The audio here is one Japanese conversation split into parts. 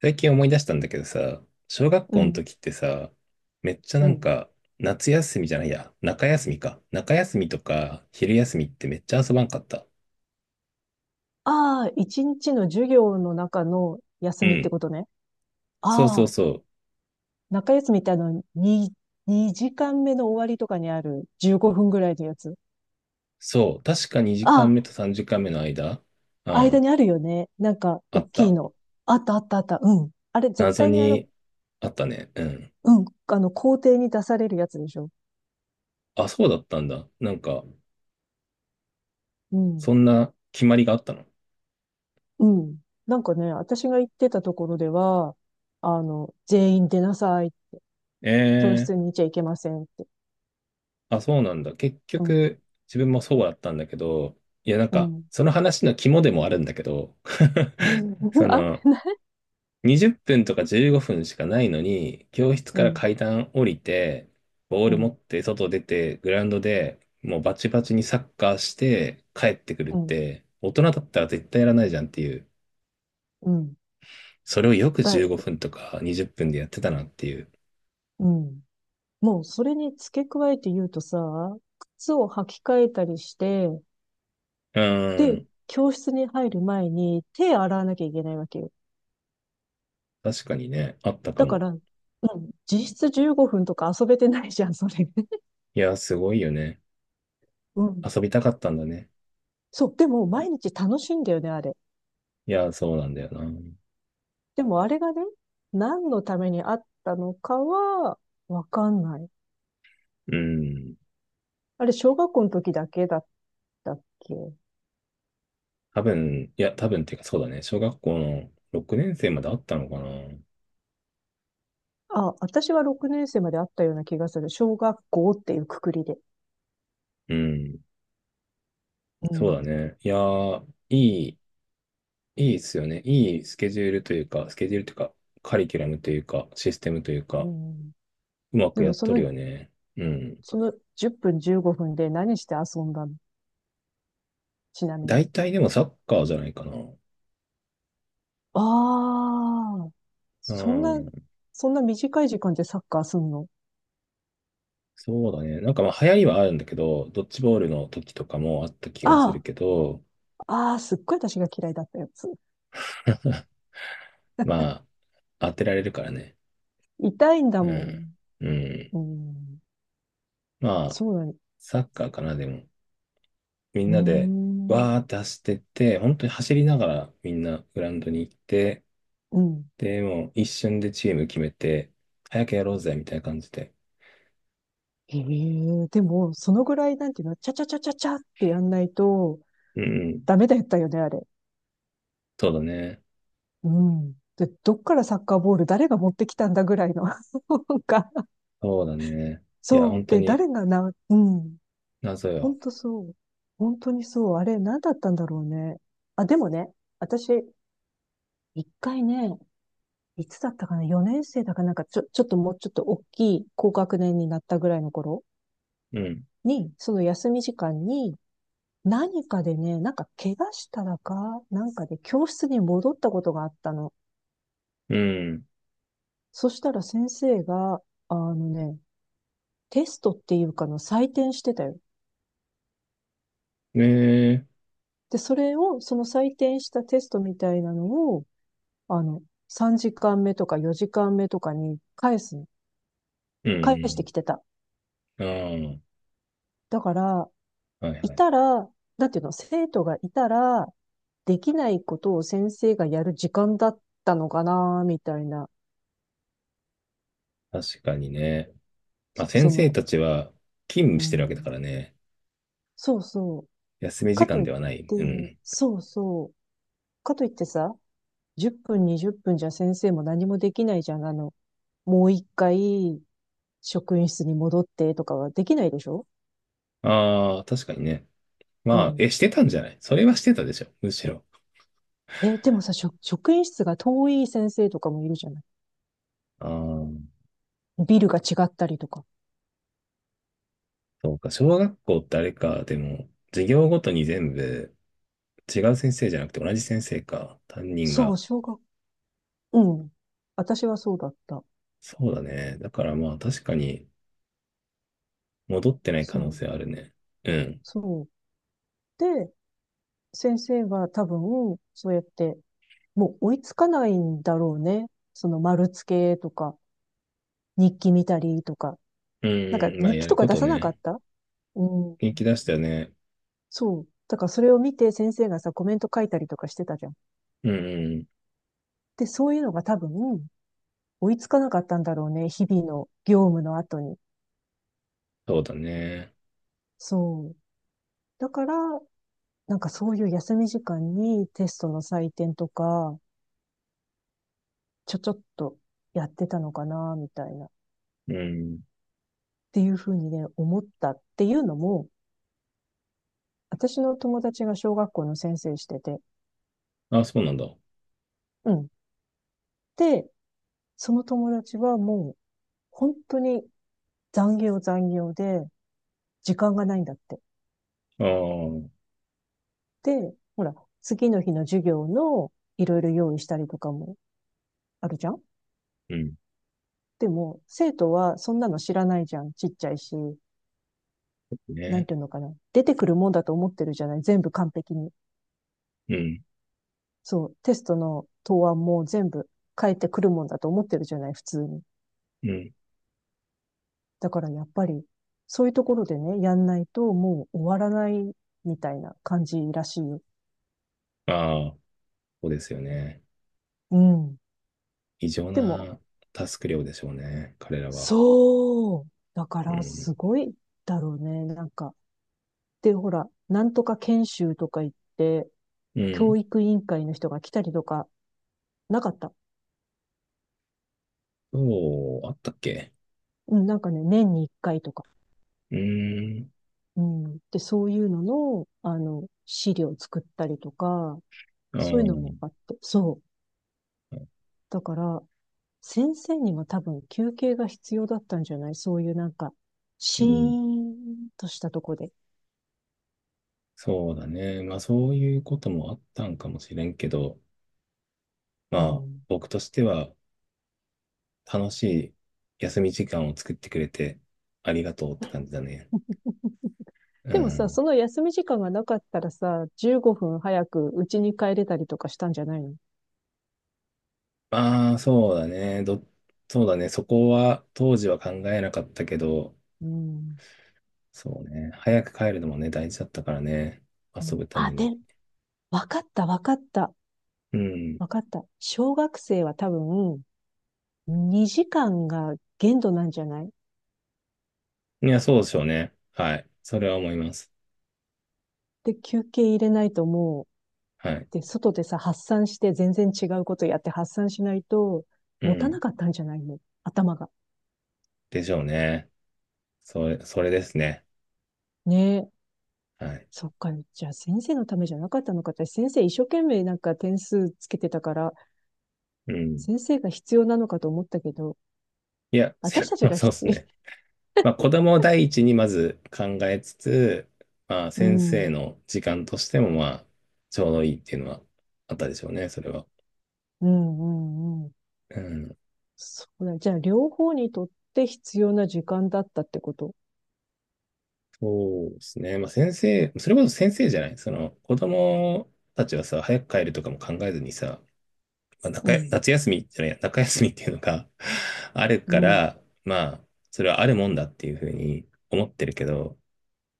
最近思い出したんだけどさ、小学う校のん、時ってさ、めっちゃうん。夏休みじゃないや、中休みか。中休みとか、昼休みってめっちゃ遊ばんかった。ああ、一日の授業の中の休うみってん。ことね。そうそうああ、そう。中休みって2時間目の終わりとかにある15分ぐらいのやつ。そう。確か2あ時間目あ、と3時間目の間、う間ん、にあるよね。なんか、あ大っきた。いの。あったあったあった。うん。あれ、絶謎対ににあったね。うん。うん、校庭に出されるやつでしょ。あ、そうだったんだ。なんか、うん。そんな決まりがあったの。うん。なんかね、私が行ってたところでは、全員出なさい。教え室ー、にいちゃいけませんって。あ、そうなんだ。結うん。局、自分もそうだったんだけど、いや、なんうか、ん。その話の肝でもあるんだけど、うん。そ あ、の、20分とか15分しかないのに、教室うからん、階段降りて、ボーうル持ん、って外出て、グラウンドでもうバチバチにサッカーして帰ってくるっうん、て、大人だったら絶対やらないじゃんっていう。うん。それをよくだ15い、分とか20分でやってたなっていう。うん。もうそれに付け加えて言うとさ、靴を履き替えたりして、うーで、ん。教室に入る前に手洗わなきゃいけないわけよ。確かにね、あったかだかも。ら、うん、実質15分とか遊べてないじゃん、それ。いや、すごいよね。うん。遊びたかったんだね。そう、でも毎日楽しいんだよね、あれ。いや、そうなんだよな。でもあれがね、何のためにあったのかは、わかんない。うん。あれ、小学校の時だけだったっけ？多分っていうかそうだね。小学校の6年生まであったのかな。あ、私は6年生まであったような気がする。小学校っていうくくりで。うん。うそうだん。ね。いやー、い、いいっすよね。いいスケジュールというか、スケジュールというか、カリキュラムというか、システムといううか、ん。うまでくやもっそとるの、よね。うん。その10分15分で何して遊んだの？ちなみに。大体でもサッカーじゃないかな。ああ、うそんな、ん。そんな短い時間でサッカーすんの？そうだね。なんかまあ流行りはあるんだけど、ドッジボールの時とかもあった気がすあるけど、あ、ああ、すっごい私が嫌いだったやつ。まあ、当てられるからね。痛いんだうもん。ん。うん。うん。まあ、そうなの。サッカーかな、でも。みんうーなで、ん。わーって走ってって、本当に走りながらみんなグラウンドに行って、うん。で、もう一瞬でチーム決めて、早くやろうぜ、みたいな感じで。ええでも、そのぐらいなんていうの、ちゃちゃちゃちゃちゃってやんないと、うんうん。ダメだったよね、あれ。そうだね。うん。で、どっからサッカーボール誰が持ってきたんだぐらいの なんか、そうだね。いや、そう。本当で、に誰がな、うん。謎ほよ。んとそう。本当にそう。あれ、何だったんだろうね。あ、でもね、私、一回ね、いつだったかな？ 4 年生だかなんか、ちょっともうちょっと大きい高学年になったぐらいの頃うん。に、その休み時間に、何かでね、なんか怪我したらか、なんかで教室に戻ったことがあったの。うん。そしたら先生が、あのね、テストっていうかの採点してたよ。ねえ。で、それを、その採点したテストみたいなのを、あの、3時間目とか4時間目とかに返すの。う返してんきてた。うん。うんうん、だから、あ、はいいはい。たら、なんていうの、生徒がいたら、できないことを先生がやる時間だったのかな、みたいな。確かにね。まあ、先そ生の、たちは勤務うしてるわけだかん。らね。そうそう。休み時か間といっではない。て、うん。そうそう。かといってさ、10分、20分じゃ先生も何もできないじゃん。もう一回、職員室に戻ってとかはできないでしょ？ああ、確かにね。うまあ、ん。え、してたんじゃない、それはしてたでしょ。むしろ。え、でもさ、職員室が遠い先生とかもいるじゃない？ああ、ビルが違ったりとか。そうか。小学校ってあれか。でも、授業ごとに全部違う先生じゃなくて同じ先生か。担任そが。う、うん。私はそうだった。そうだね。だからまあ確かに戻ってない可そ能う、性あるね。うん。そう。で、先生は多分、そうやって、もう追いつかないんだろうね。その丸付けとか、日記見たりとか。うなんかんうん。まあ日や記とるかこ出とさなかっね。た？うん。元気出したよね。そう。だからそれを見て先生がさ、コメント書いたりとかしてたじゃん。うんうん。で、そういうのが多分、追いつかなかったんだろうね。日々の業務の後に。そうだね。そう。だから、なんかそういう休み時間にテストの採点とか、ちょっとやってたのかな、みたいな。っうん。ていうふうにね、思ったっていうのも、私の友達が小学校の先生してて、あ、そうなんだ。あうん。で、その友達はもう、本当に残業残業で、時間がないんだって。あ、うで、ほら、次の日の授業のいろいろ用意したりとかもあるじゃん。ん。でも、生徒はそんなの知らないじゃん。ちっちゃいし、なね。んていうのかな。出てくるもんだと思ってるじゃない、全部完璧に。うん。そう、テストの答案も全部変えてくるもんだと思ってるじゃない、普通に。うん。だからやっぱり、そういうところでね、やんないともう終わらないみたいな感じらしいよ。ああ、そうですよね。うん。異常でも、なタスク量でしょうね。彼らは。そう。だかうらん。すごいだろうね。なんか、で、ほら、なんとか研修とか言って、うん。教育委員会の人が来たりとか、なかった。そう、あったっけ？うん、なんかね、年に一回とか。うーん、うん。で、そういうのの、資料作ったりとか、うそういうのもん、あって。そう。だから、先生にも多分休憩が必要だったんじゃない？そういうなんか、うシーん。ンとしたとこで。そうだね。まあ、そういうこともあったんかもしれんけど、まうあ、ん。僕としては楽しい休み時間を作ってくれてありがとうって感じだね。うでもさ、ん。その休み時間がなかったらさ、15分早く家に帰れたりとかしたんじゃないの？ああ、そうだね。そうだね。そこは当時は考えなかったけど、うん。そうね。早く帰るのもね、大事だったからね。う遊ん、ぶためあ、で、に。わかった、わかった、うん。わかった。小学生は多分、2時間が限度なんじゃない？いや、そうでしょうね。はい。それは思います。で、休憩入れないともはい。う、で、外でさ、発散して全然違うことやって発散しないと、う持たん。なかったんじゃないの？頭が。でしょうね。それですね。ねえ。はい。そっか、じゃあ先生のためじゃなかったのかって、先生一生懸命なんか点数つけてたから、うん。先生が必要なのかと思ったけど、いや、せ 私た ちまあ、がそうで必す要。ね。まあ、子供を第一にまず考えつつ、まあ、う先生ん、の時間としても、まあ、ちょうどいいっていうのはあったでしょうね、それは。うん、うん、うん。うん。そうだね。じゃあ、両方にとって必要な時間だったってこと。そうですね。まあ、それこそ先生じゃない。その、子供たちはさ、早く帰るとかも考えずにさ、まあ、うん、夏休みじゃない、中休みっていうのが あるうかん、ら、まあ、それはあるもんだっていうふうに思ってるけど、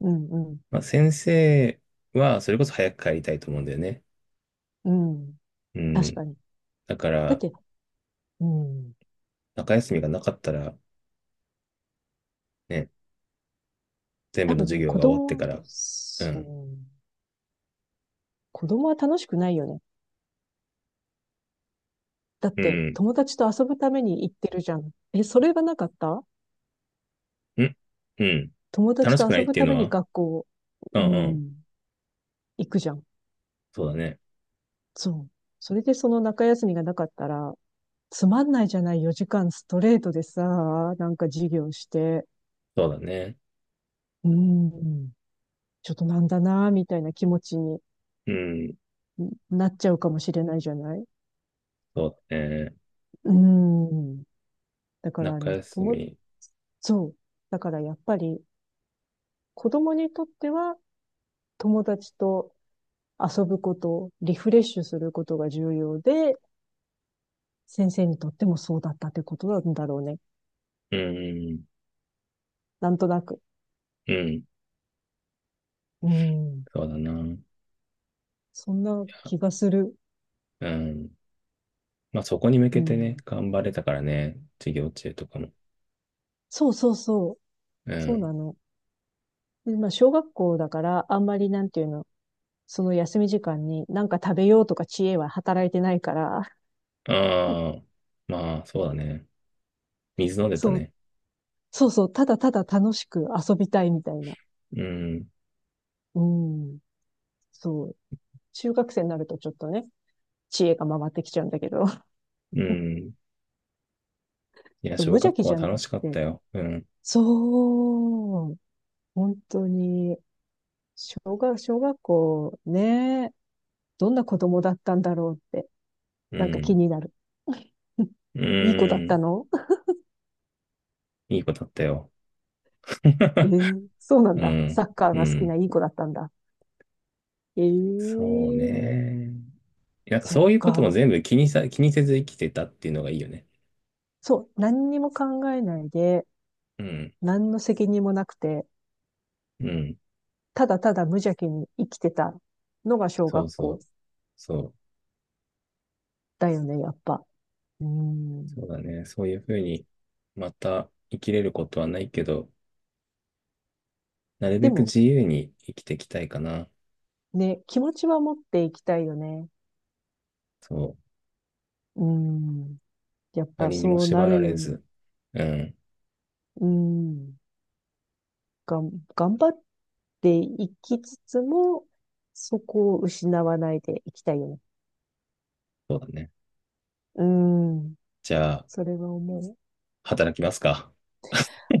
うん、うん、まあ、先生は、それこそ早く帰りたいと思うんだよね。うん。う確ん。かに。だかだっら、て、うん。中休みがなかったら、ね、全部多の分授ね、業子が終わって供かは、ら、ううん、ん、子供は楽しくないよね。だっうて、ん、友達と遊ぶために行ってるじゃん。え、それがなかったうん、うん。友達楽しとくな遊いっぶていうたのめには、学校、ううんうん。ん、行くじゃん。そうだね。そう。それでその中休みがなかったら、つまんないじゃない、4時間ストレートでさ、なんか授業して。そうだね。うん。ちょっとなんだな、みたいな気持ちにうん、なっちゃうかもしれないじゃない。そうだね。うん。だか中らね、休友、み。そう。だからやっぱり子供にとっては友達と遊ぶこと、リフレッシュすることが重要で、先生にとってもそうだったってことなんだろうね。うん、なんとなく。うん、うん。そうだな。いそんなや、気がする。うん。まあ、そこに向うけてね、ん。頑張れたからね、授業中とかも。そうそうそう。うそうん。なの。でまあ、小学校だから、あんまりなんていうの、その休み時間に何か食べようとか知恵は働いてないから、ああ、まあ、そうだね。水飲んでたそう、ね。そうそう、ただただ楽しく遊びたいみたいな。うん。うん、そう。中学生になるとちょっとね、知恵が回ってきちゃうんだけど、うん。いや、そう無小邪学気校じはゃんだ楽っしかったて。よ。うん。そう、本当に、小学校ね、どんな子供だったんだろうって、うなんか気ん。になる。ういい子だったん。の？ いいことあったよ。ええ、 そうなんうだ。サん。ッカーうが好きなん。いい子だったんだ。えそうえ、ね。なんかそっそういうこともか。全部気にせず生きてたっていうのがいいよね。そう、何にも考えないで、うん。何の責任もなくて、うん。ただただ無邪気に生きてたのが小そう学そ校う。そう。だよね、やっぱ。うん。そうだね。そういうふうに、また生きれることはないけど、なるべでくも、自由に生きていきたいかな。ね、気持ちは持っていきたいよね。そう。うん。やっぱ何にもそうな縛らるよれうに。ず。うん。うん。頑張っていきつつも、そこを失わないでいきたいよね。そうだね。うん。じゃあ、それは思う。働きますか。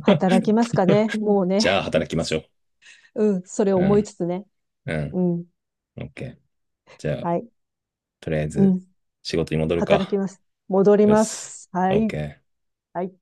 働き ますかね。もうね。じゃあ働きましょう。うん。それをう思いん、つつね。うん、うん。オッケー。じゃあ、はい。とりあえうずん。仕事に戻る働きか。ます。戻りうっます。す。はオッい。ケー。はい。